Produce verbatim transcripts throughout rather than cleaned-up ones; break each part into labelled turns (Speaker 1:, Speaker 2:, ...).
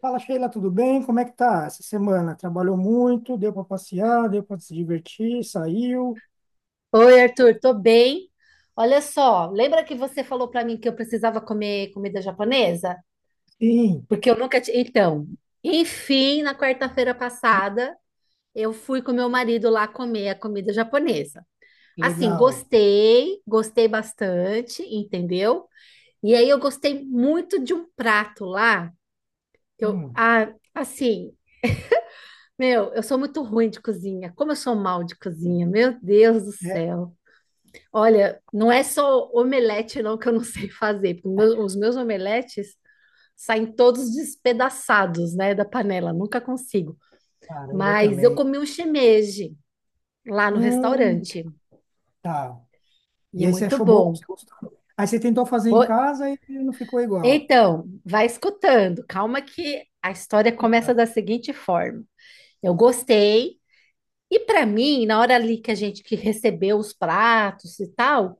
Speaker 1: Fala, Sheila, tudo bem? Como é que tá essa semana? Trabalhou muito? Deu para passear? Deu para se divertir? Saiu?
Speaker 2: Oi, Arthur, tô bem. Olha só, lembra que você falou pra mim que eu precisava comer comida japonesa?
Speaker 1: Sim,
Speaker 2: Porque eu nunca tinha. Então, enfim, na quarta-feira passada, eu fui com meu marido lá comer a comida japonesa. Assim,
Speaker 1: legal.
Speaker 2: gostei, gostei bastante, entendeu? E aí eu gostei muito de um prato lá, que eu,
Speaker 1: Hum,
Speaker 2: ah, assim, meu, eu sou muito ruim de cozinha. Como eu sou mal de cozinha, meu Deus do
Speaker 1: é,
Speaker 2: céu. Olha, não é só omelete não que eu não sei fazer, porque meu- os meus omeletes saem todos despedaçados, né, da panela, nunca consigo.
Speaker 1: caramba, eu
Speaker 2: Mas eu
Speaker 1: também.
Speaker 2: comi um shimeji lá no
Speaker 1: Hum,
Speaker 2: restaurante
Speaker 1: tá.
Speaker 2: e
Speaker 1: E
Speaker 2: é
Speaker 1: aí você
Speaker 2: muito
Speaker 1: achou bom?
Speaker 2: bom.
Speaker 1: Você gostou? Aí você tentou fazer em
Speaker 2: Ô,
Speaker 1: casa e não ficou igual.
Speaker 2: então, vai escutando, calma que a história começa
Speaker 1: Ah,
Speaker 2: da seguinte forma. Eu gostei e para mim, na hora ali que a gente que recebeu os pratos e tal,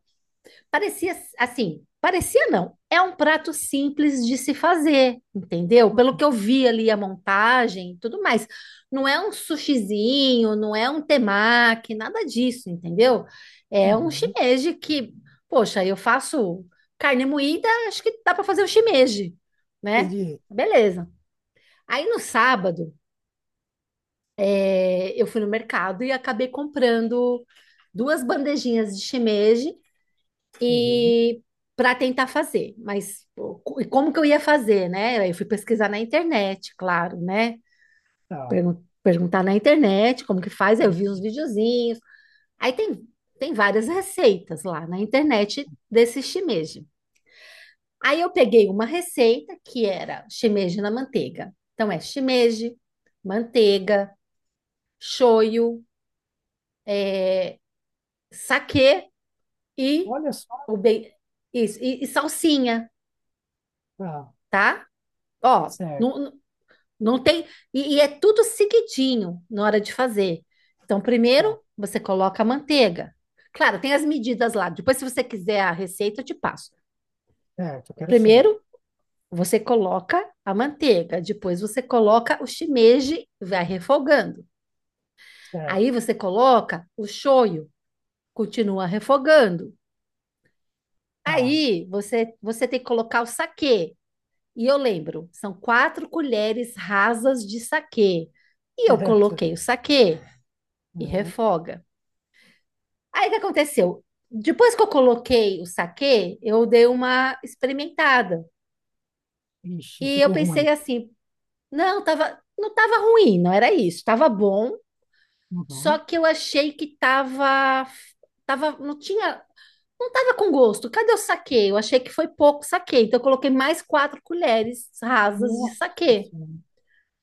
Speaker 2: parecia assim, parecia não. É um prato simples de se fazer, entendeu? Pelo que eu vi ali a montagem e tudo mais. Não é um sushizinho, não é um temaki, nada disso, entendeu? É um
Speaker 1: uhum,
Speaker 2: shimeji que, poxa, eu faço carne moída, acho que dá para fazer o shimeji, né?
Speaker 1: entendi.
Speaker 2: Beleza. Aí no sábado, é, eu fui no mercado e acabei comprando duas bandejinhas de shimeji
Speaker 1: Uhum,
Speaker 2: e para tentar fazer, mas o- co- e como que eu ia fazer, né? Aí eu fui pesquisar na internet, claro, né?
Speaker 1: tá.
Speaker 2: Pergun- perguntar na internet como que faz, aí eu vi uns videozinhos. Aí tem, tem várias receitas lá na internet desse shimeji. Aí eu peguei uma receita que era shimeji na manteiga. Então é shimeji, manteiga, shoyu, saquê e
Speaker 1: Olha só,
Speaker 2: o bem, isso, e, e salsinha,
Speaker 1: tá.
Speaker 2: tá? Ó,
Speaker 1: Certo,
Speaker 2: não, não tem. E, e é tudo seguidinho na hora de fazer. Então,
Speaker 1: tá.
Speaker 2: primeiro você coloca a manteiga. Claro, tem as medidas lá. Depois, se você quiser a receita, eu te passo.
Speaker 1: Certo, eu quero sim.
Speaker 2: Primeiro, você coloca a manteiga. Depois, você coloca o shimeji, vai refogando. Aí,
Speaker 1: Certo,
Speaker 2: você coloca o shoyu, continua refogando.
Speaker 1: tá.
Speaker 2: Aí, você, você tem que colocar o saquê. E eu lembro, são quatro colheres rasas de saquê. E eu
Speaker 1: Certo.
Speaker 2: coloquei o saquê e
Speaker 1: Uhum.
Speaker 2: refoga. Aí o que aconteceu? Depois que eu coloquei o saquê, eu dei uma experimentada.
Speaker 1: Ixi,
Speaker 2: E eu
Speaker 1: ficou ruim.
Speaker 2: pensei assim, não, tava, não tava ruim, não era isso, tava bom, só
Speaker 1: Uhum.
Speaker 2: que eu achei que tava, tava, não tinha, não tava com gosto. Cadê o saquê? Eu achei que foi pouco saquê, então eu coloquei mais quatro colheres rasas de
Speaker 1: Nossa,
Speaker 2: saquê.
Speaker 1: Senhora.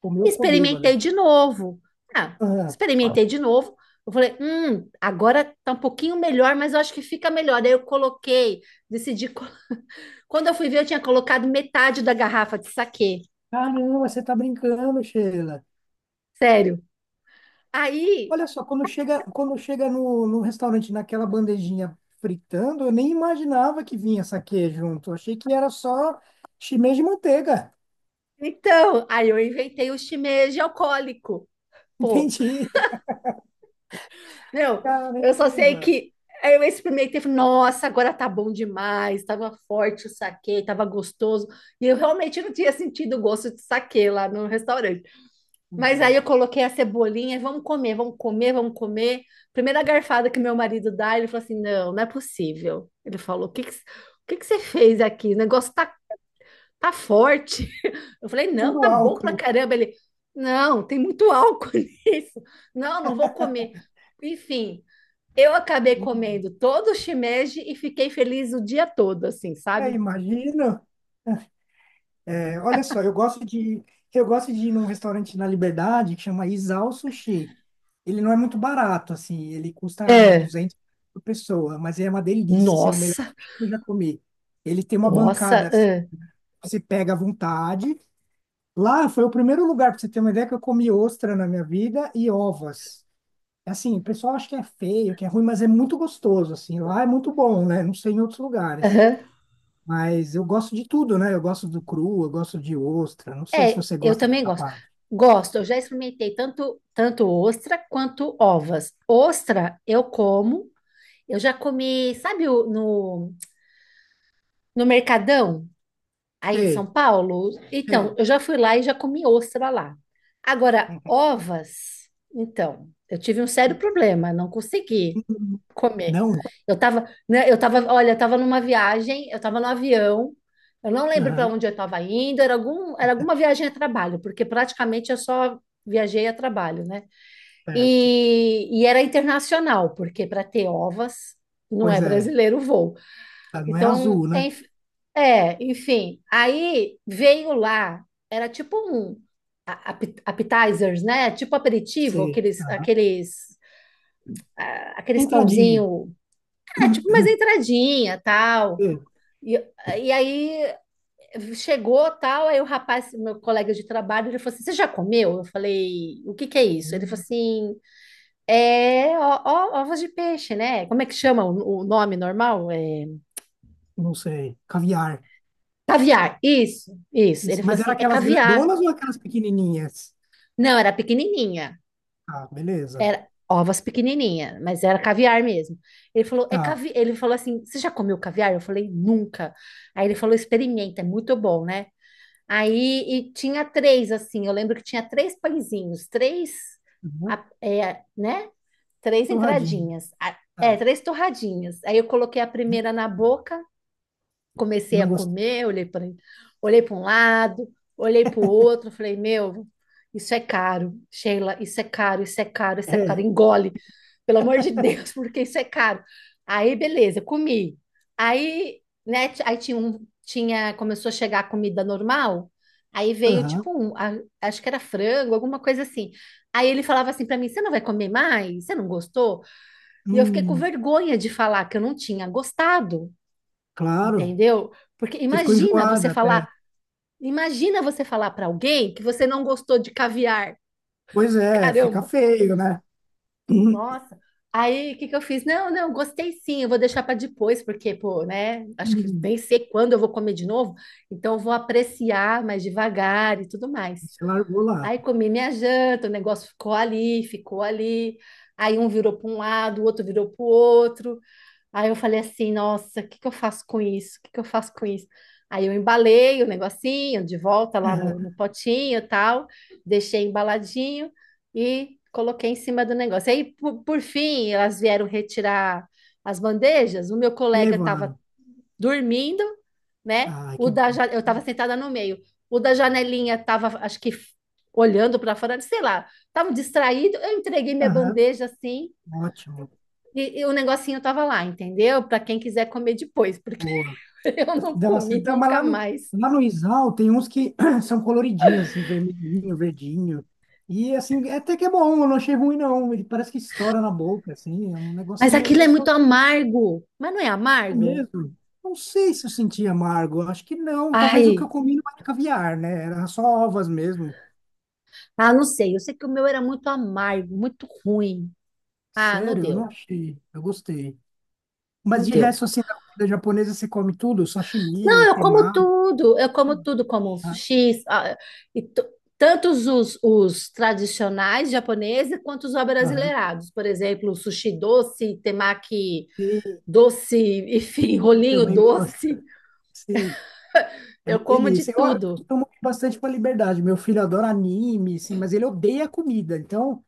Speaker 1: Comeu, ficou
Speaker 2: Experimentei
Speaker 1: bêbada.
Speaker 2: de novo. Ah,
Speaker 1: Ah,
Speaker 2: experimentei de novo. Eu falei, hum, agora tá um pouquinho melhor, mas eu acho que fica melhor. Aí eu coloquei, decidi. co- Quando eu fui ver, eu tinha colocado metade da garrafa de saquê.
Speaker 1: caramba, você tá brincando, Sheila.
Speaker 2: Sério. Aí,
Speaker 1: Olha só, quando chega, quando chega no, no restaurante naquela bandejinha fritando, eu nem imaginava que vinha saquê junto. Eu achei que era só chimê de manteiga.
Speaker 2: então, aí eu inventei o shimeji alcoólico. Pô,
Speaker 1: Entendi.
Speaker 2: meu, eu só sei
Speaker 1: Caramba.
Speaker 2: que aí eu experimentei, falei, nossa, agora tá bom demais, tava forte o saquê, tava gostoso. E eu realmente não tinha sentido o gosto de saquê lá no restaurante.
Speaker 1: Pois
Speaker 2: Mas aí
Speaker 1: é.
Speaker 2: eu coloquei a cebolinha, vamos comer, vamos comer, vamos comer. Primeira garfada que meu marido dá, ele falou assim: não, não é possível. Ele falou: o que que, o que que você fez aqui? O negócio tá, tá forte. Eu falei: não,
Speaker 1: Puro
Speaker 2: tá bom pra
Speaker 1: álcool.
Speaker 2: caramba. Ele: não, tem muito álcool nisso. Não, não vou comer. Enfim, eu acabei
Speaker 1: Hum,
Speaker 2: comendo todo o shimeji e fiquei feliz o dia todo, assim,
Speaker 1: É,
Speaker 2: sabe?
Speaker 1: imagino. É, olha só, eu gosto de eu gosto de ir num restaurante na Liberdade que chama Isao Sushi. Ele não é muito barato, assim, ele custa uns
Speaker 2: É.
Speaker 1: duzentos por pessoa, mas é uma delícia, assim, é o melhor
Speaker 2: Nossa,
Speaker 1: sushi que eu já comi. Ele tem uma bancada,
Speaker 2: nossa,
Speaker 1: assim,
Speaker 2: ah,
Speaker 1: você pega à vontade. Lá foi o primeiro lugar, para você ter uma ideia, que eu comi ostra na minha vida e ovas. Assim, o pessoal acha que é feio, que é ruim, mas é muito gostoso, assim, lá é muito bom, né? Não sei em outros lugares.
Speaker 2: aham.
Speaker 1: Mas eu gosto de tudo, né? Eu gosto do cru, eu gosto de ostra. Não sei se
Speaker 2: É,
Speaker 1: você
Speaker 2: eu
Speaker 1: gosta
Speaker 2: também
Speaker 1: dessa
Speaker 2: gosto.
Speaker 1: parte.
Speaker 2: Gosto, eu já experimentei tanto, tanto ostra quanto ovas. Ostra eu como, eu já comi, sabe, o- no, no Mercadão aí de São
Speaker 1: Sei,
Speaker 2: Paulo? Então,
Speaker 1: sei.
Speaker 2: eu já fui lá e já comi ostra lá. Agora, ovas, então, eu tive um sério problema, não consegui
Speaker 1: Hum,
Speaker 2: comer.
Speaker 1: não?
Speaker 2: Eu tava, né, eu tava, olha, eu tava numa viagem, eu tava no avião, eu não lembro para
Speaker 1: Aham,
Speaker 2: onde eu estava indo, era algum, era alguma viagem a trabalho, porque praticamente eu só viajei a trabalho, né?
Speaker 1: certo.
Speaker 2: E, e era internacional, porque para ter ovas não é
Speaker 1: Pois é.
Speaker 2: brasileiro o voo.
Speaker 1: Ela não é
Speaker 2: Então,
Speaker 1: azul,
Speaker 2: é,
Speaker 1: né?
Speaker 2: enf- é, enfim, aí veio lá, era tipo um ape- appetizers, né? Tipo aperitivo,
Speaker 1: Sei.
Speaker 2: aqueles,
Speaker 1: Aham.
Speaker 2: aqueles, ah, aqueles
Speaker 1: Entradinha.
Speaker 2: pãozinho, é, tipo, mas entradinha, tal.
Speaker 1: Sei.
Speaker 2: E, e aí chegou, tal, aí o rapaz, meu colega de trabalho, ele falou assim: você já comeu? Eu falei: o que que é isso? Ele falou
Speaker 1: Hum,
Speaker 2: assim: é ó, ó, ovos de peixe, né? Como é que chama o, o nome normal? É,
Speaker 1: Não sei. Caviar.
Speaker 2: caviar. Isso, isso.
Speaker 1: Isso.
Speaker 2: Ele falou
Speaker 1: Mas era
Speaker 2: assim: é
Speaker 1: aquelas
Speaker 2: caviar.
Speaker 1: grandonas ou aquelas pequenininhas?
Speaker 2: Não, era pequenininha.
Speaker 1: Ah, beleza.
Speaker 2: Era ovas pequenininha, mas era caviar mesmo. Ele falou: é
Speaker 1: Tá.
Speaker 2: cavi... Ele falou assim: você já comeu caviar? Eu falei: nunca. Aí ele falou: experimenta, é muito bom, né? Aí e tinha três, assim, eu lembro que tinha três pãezinhos, três,
Speaker 1: Uhum.
Speaker 2: a- é, né? três
Speaker 1: Torradinha.
Speaker 2: entradinhas, a- é,
Speaker 1: Tá.
Speaker 2: três torradinhas. Aí eu coloquei a
Speaker 1: Né?
Speaker 2: primeira na boca, comecei a
Speaker 1: Não gostei.
Speaker 2: comer, olhei para olhei para um lado, olhei para o outro, falei, meu, isso é caro, Sheila, isso é caro, isso é caro, isso é caro,
Speaker 1: É.
Speaker 2: engole, pelo amor de Deus, porque isso é caro. Aí, beleza, comi. Aí, né, t- aí tinha um, tinha, começou a chegar a comida normal, aí veio
Speaker 1: Aham.
Speaker 2: tipo um, a- acho que era frango, alguma coisa assim. Aí ele falava assim para mim, você não vai comer mais? Você não gostou? E eu fiquei com
Speaker 1: Hum,
Speaker 2: vergonha de falar que eu não tinha gostado,
Speaker 1: claro.
Speaker 2: entendeu? Porque
Speaker 1: Você ficou
Speaker 2: imagina você
Speaker 1: enjoada até.
Speaker 2: falar, imagina você falar para alguém que você não gostou de caviar.
Speaker 1: Pois é, fica
Speaker 2: Caramba,
Speaker 1: feio, né? Uhum.
Speaker 2: nossa. Aí, o que que eu fiz? Não, não, gostei sim, eu vou deixar para depois, porque, pô, né? Acho que nem sei quando eu vou comer de novo, então eu vou apreciar mais devagar e tudo mais.
Speaker 1: Você largou lá.
Speaker 2: Aí comi minha janta, o negócio ficou ali, ficou ali. Aí um virou para um lado, o outro virou para o outro. Aí eu falei assim, nossa, o que que eu faço com isso? O que que eu faço com isso? Aí eu embalei o negocinho de volta lá no, no
Speaker 1: Aham.
Speaker 2: potinho e tal, deixei embaladinho e coloquei em cima do negócio. Aí, por, por fim, elas vieram retirar as bandejas. O meu
Speaker 1: E
Speaker 2: colega estava
Speaker 1: levaram.
Speaker 2: dormindo, né?
Speaker 1: Ah,
Speaker 2: O
Speaker 1: que
Speaker 2: da,
Speaker 1: bom.
Speaker 2: ja- eu estava sentada no meio. O da janelinha estava, acho que, olhando para fora, sei lá, estava distraído. Eu entreguei minha
Speaker 1: Aham.
Speaker 2: bandeja assim.
Speaker 1: Ótimo.
Speaker 2: E, e o negocinho tava lá, entendeu? Para quem quiser comer depois, porque
Speaker 1: Boa.
Speaker 2: eu não
Speaker 1: Dá bastante-
Speaker 2: comi
Speaker 1: dá- Mas lá
Speaker 2: nunca
Speaker 1: no,
Speaker 2: mais.
Speaker 1: lá no Isal tem uns que são coloridinhos, assim, vermelhinho, verdinho. E assim, é até que é bom, eu não achei ruim, não. Ele parece que estoura na boca, assim, é um
Speaker 2: Mas
Speaker 1: negocinho
Speaker 2: aquilo é muito
Speaker 1: gostoso
Speaker 2: amargo. Mas não é amargo?
Speaker 1: mesmo. Não sei se eu senti amargo, acho que não. Talvez o que
Speaker 2: Ai,
Speaker 1: eu comi não era caviar, né? Era só ovas mesmo.
Speaker 2: ah, não sei. Eu sei que o meu era muito amargo, muito ruim. Ah, não
Speaker 1: Sério, eu não
Speaker 2: deu,
Speaker 1: achei. Eu gostei. Mas
Speaker 2: não
Speaker 1: de
Speaker 2: deu.
Speaker 1: resto, assim, na comida japonesa você come tudo, sashimi,
Speaker 2: Não, eu como
Speaker 1: temaki,
Speaker 2: tudo, eu como tudo, como
Speaker 1: né?
Speaker 2: sushi, ah, e to- tantos os, os tradicionais japoneses quanto os
Speaker 1: Aham.
Speaker 2: brasileirados. Por exemplo, sushi doce, temaki
Speaker 1: Sim,
Speaker 2: doce, enfim,
Speaker 1: eu
Speaker 2: rolinho
Speaker 1: também gosto.
Speaker 2: doce.
Speaker 1: Sim, é
Speaker 2: Eu
Speaker 1: uma
Speaker 2: como de
Speaker 1: delícia. Eu, eu
Speaker 2: tudo.
Speaker 1: tomo bastante com a liberdade. Meu filho adora anime, sim, mas ele odeia comida. Então,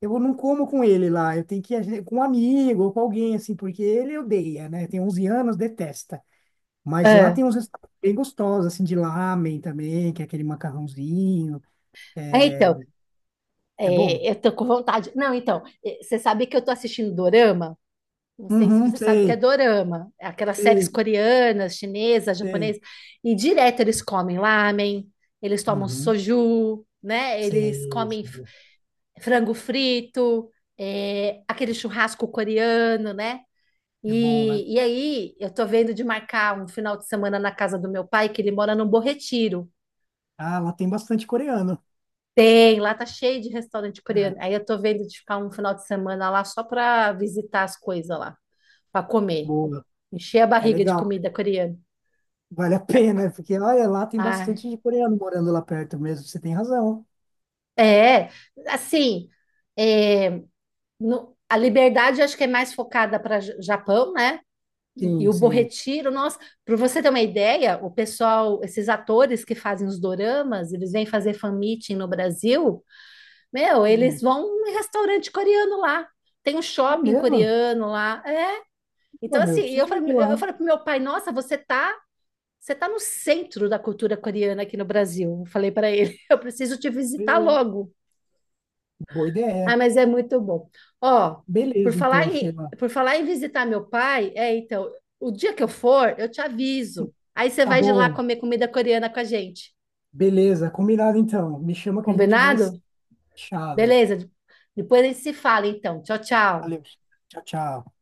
Speaker 1: eu não como com ele lá. Eu tenho que ir com um amigo ou com alguém, assim, porque ele odeia, né? Tem onze anos, detesta. Mas lá
Speaker 2: Ah,
Speaker 1: tem uns restaurantes bem gostosos, assim, de lamen também, que é aquele macarrãozinho.
Speaker 2: é, então,
Speaker 1: É bom.
Speaker 2: é, eu tô com vontade. Não, então, é, você sabe que eu tô assistindo Dorama? Não sei se
Speaker 1: Uhum,
Speaker 2: você sabe o que é
Speaker 1: sei,
Speaker 2: Dorama. É aquelas séries
Speaker 1: sei,
Speaker 2: coreanas, chinesas,
Speaker 1: sei.
Speaker 2: japonesas. E direto eles comem lamen, eles tomam
Speaker 1: Uhum,
Speaker 2: soju, né? Eles
Speaker 1: sei.
Speaker 2: comem f-
Speaker 1: Sei.
Speaker 2: frango frito, é, aquele churrasco coreano, né?
Speaker 1: É bom, né?
Speaker 2: E, e aí, eu tô vendo de marcar um final de semana na casa do meu pai, que ele mora num Bom Retiro.
Speaker 1: Ah, lá tem bastante coreano.
Speaker 2: Tem, lá tá cheio de restaurante
Speaker 1: É,
Speaker 2: coreano. Aí eu tô vendo de ficar um final de semana lá só pra visitar as coisas lá, pra comer.
Speaker 1: boa.
Speaker 2: Encher a
Speaker 1: É
Speaker 2: barriga de
Speaker 1: legal.
Speaker 2: comida coreana.
Speaker 1: Vale a pena, né? Porque olha, lá tem
Speaker 2: Ah,
Speaker 1: bastante de coreano morando lá perto mesmo. Você tem razão.
Speaker 2: é, assim, é, no- a liberdade acho que é mais focada para Japão, né? E
Speaker 1: Sim,
Speaker 2: o Bom
Speaker 1: sim.
Speaker 2: Retiro, nossa, para você ter uma ideia, o pessoal, esses atores que fazem os doramas, eles vêm fazer fan meeting no Brasil, meu, eles
Speaker 1: Hum,
Speaker 2: vão em restaurante coreano lá, tem um
Speaker 1: é
Speaker 2: shopping
Speaker 1: mesmo?
Speaker 2: coreano lá, é,
Speaker 1: Pô,
Speaker 2: então,
Speaker 1: meu,
Speaker 2: assim,
Speaker 1: eu
Speaker 2: eu
Speaker 1: preciso
Speaker 2: falei,
Speaker 1: ir
Speaker 2: eu
Speaker 1: lá.
Speaker 2: falei pro meu pai, nossa, você tá, você tá no centro da cultura coreana aqui no Brasil. Eu falei para ele, eu preciso te
Speaker 1: Pois
Speaker 2: visitar
Speaker 1: é.
Speaker 2: logo.
Speaker 1: Boa
Speaker 2: Ah,
Speaker 1: ideia.
Speaker 2: mas é muito bom. Ó, por
Speaker 1: Beleza,
Speaker 2: falar
Speaker 1: então,
Speaker 2: em,
Speaker 1: Sheila.
Speaker 2: por falar em visitar meu pai, é, então, o dia que eu for, eu te aviso. Aí você
Speaker 1: Tá
Speaker 2: vai de lá
Speaker 1: bom.
Speaker 2: comer comida coreana com a gente.
Speaker 1: Beleza, combinado então. Me chama que a gente vai se.
Speaker 2: Combinado?
Speaker 1: Tchau.
Speaker 2: Beleza. Depois a gente se fala, então. Tchau, tchau.
Speaker 1: Valeu. Tchau, tchau.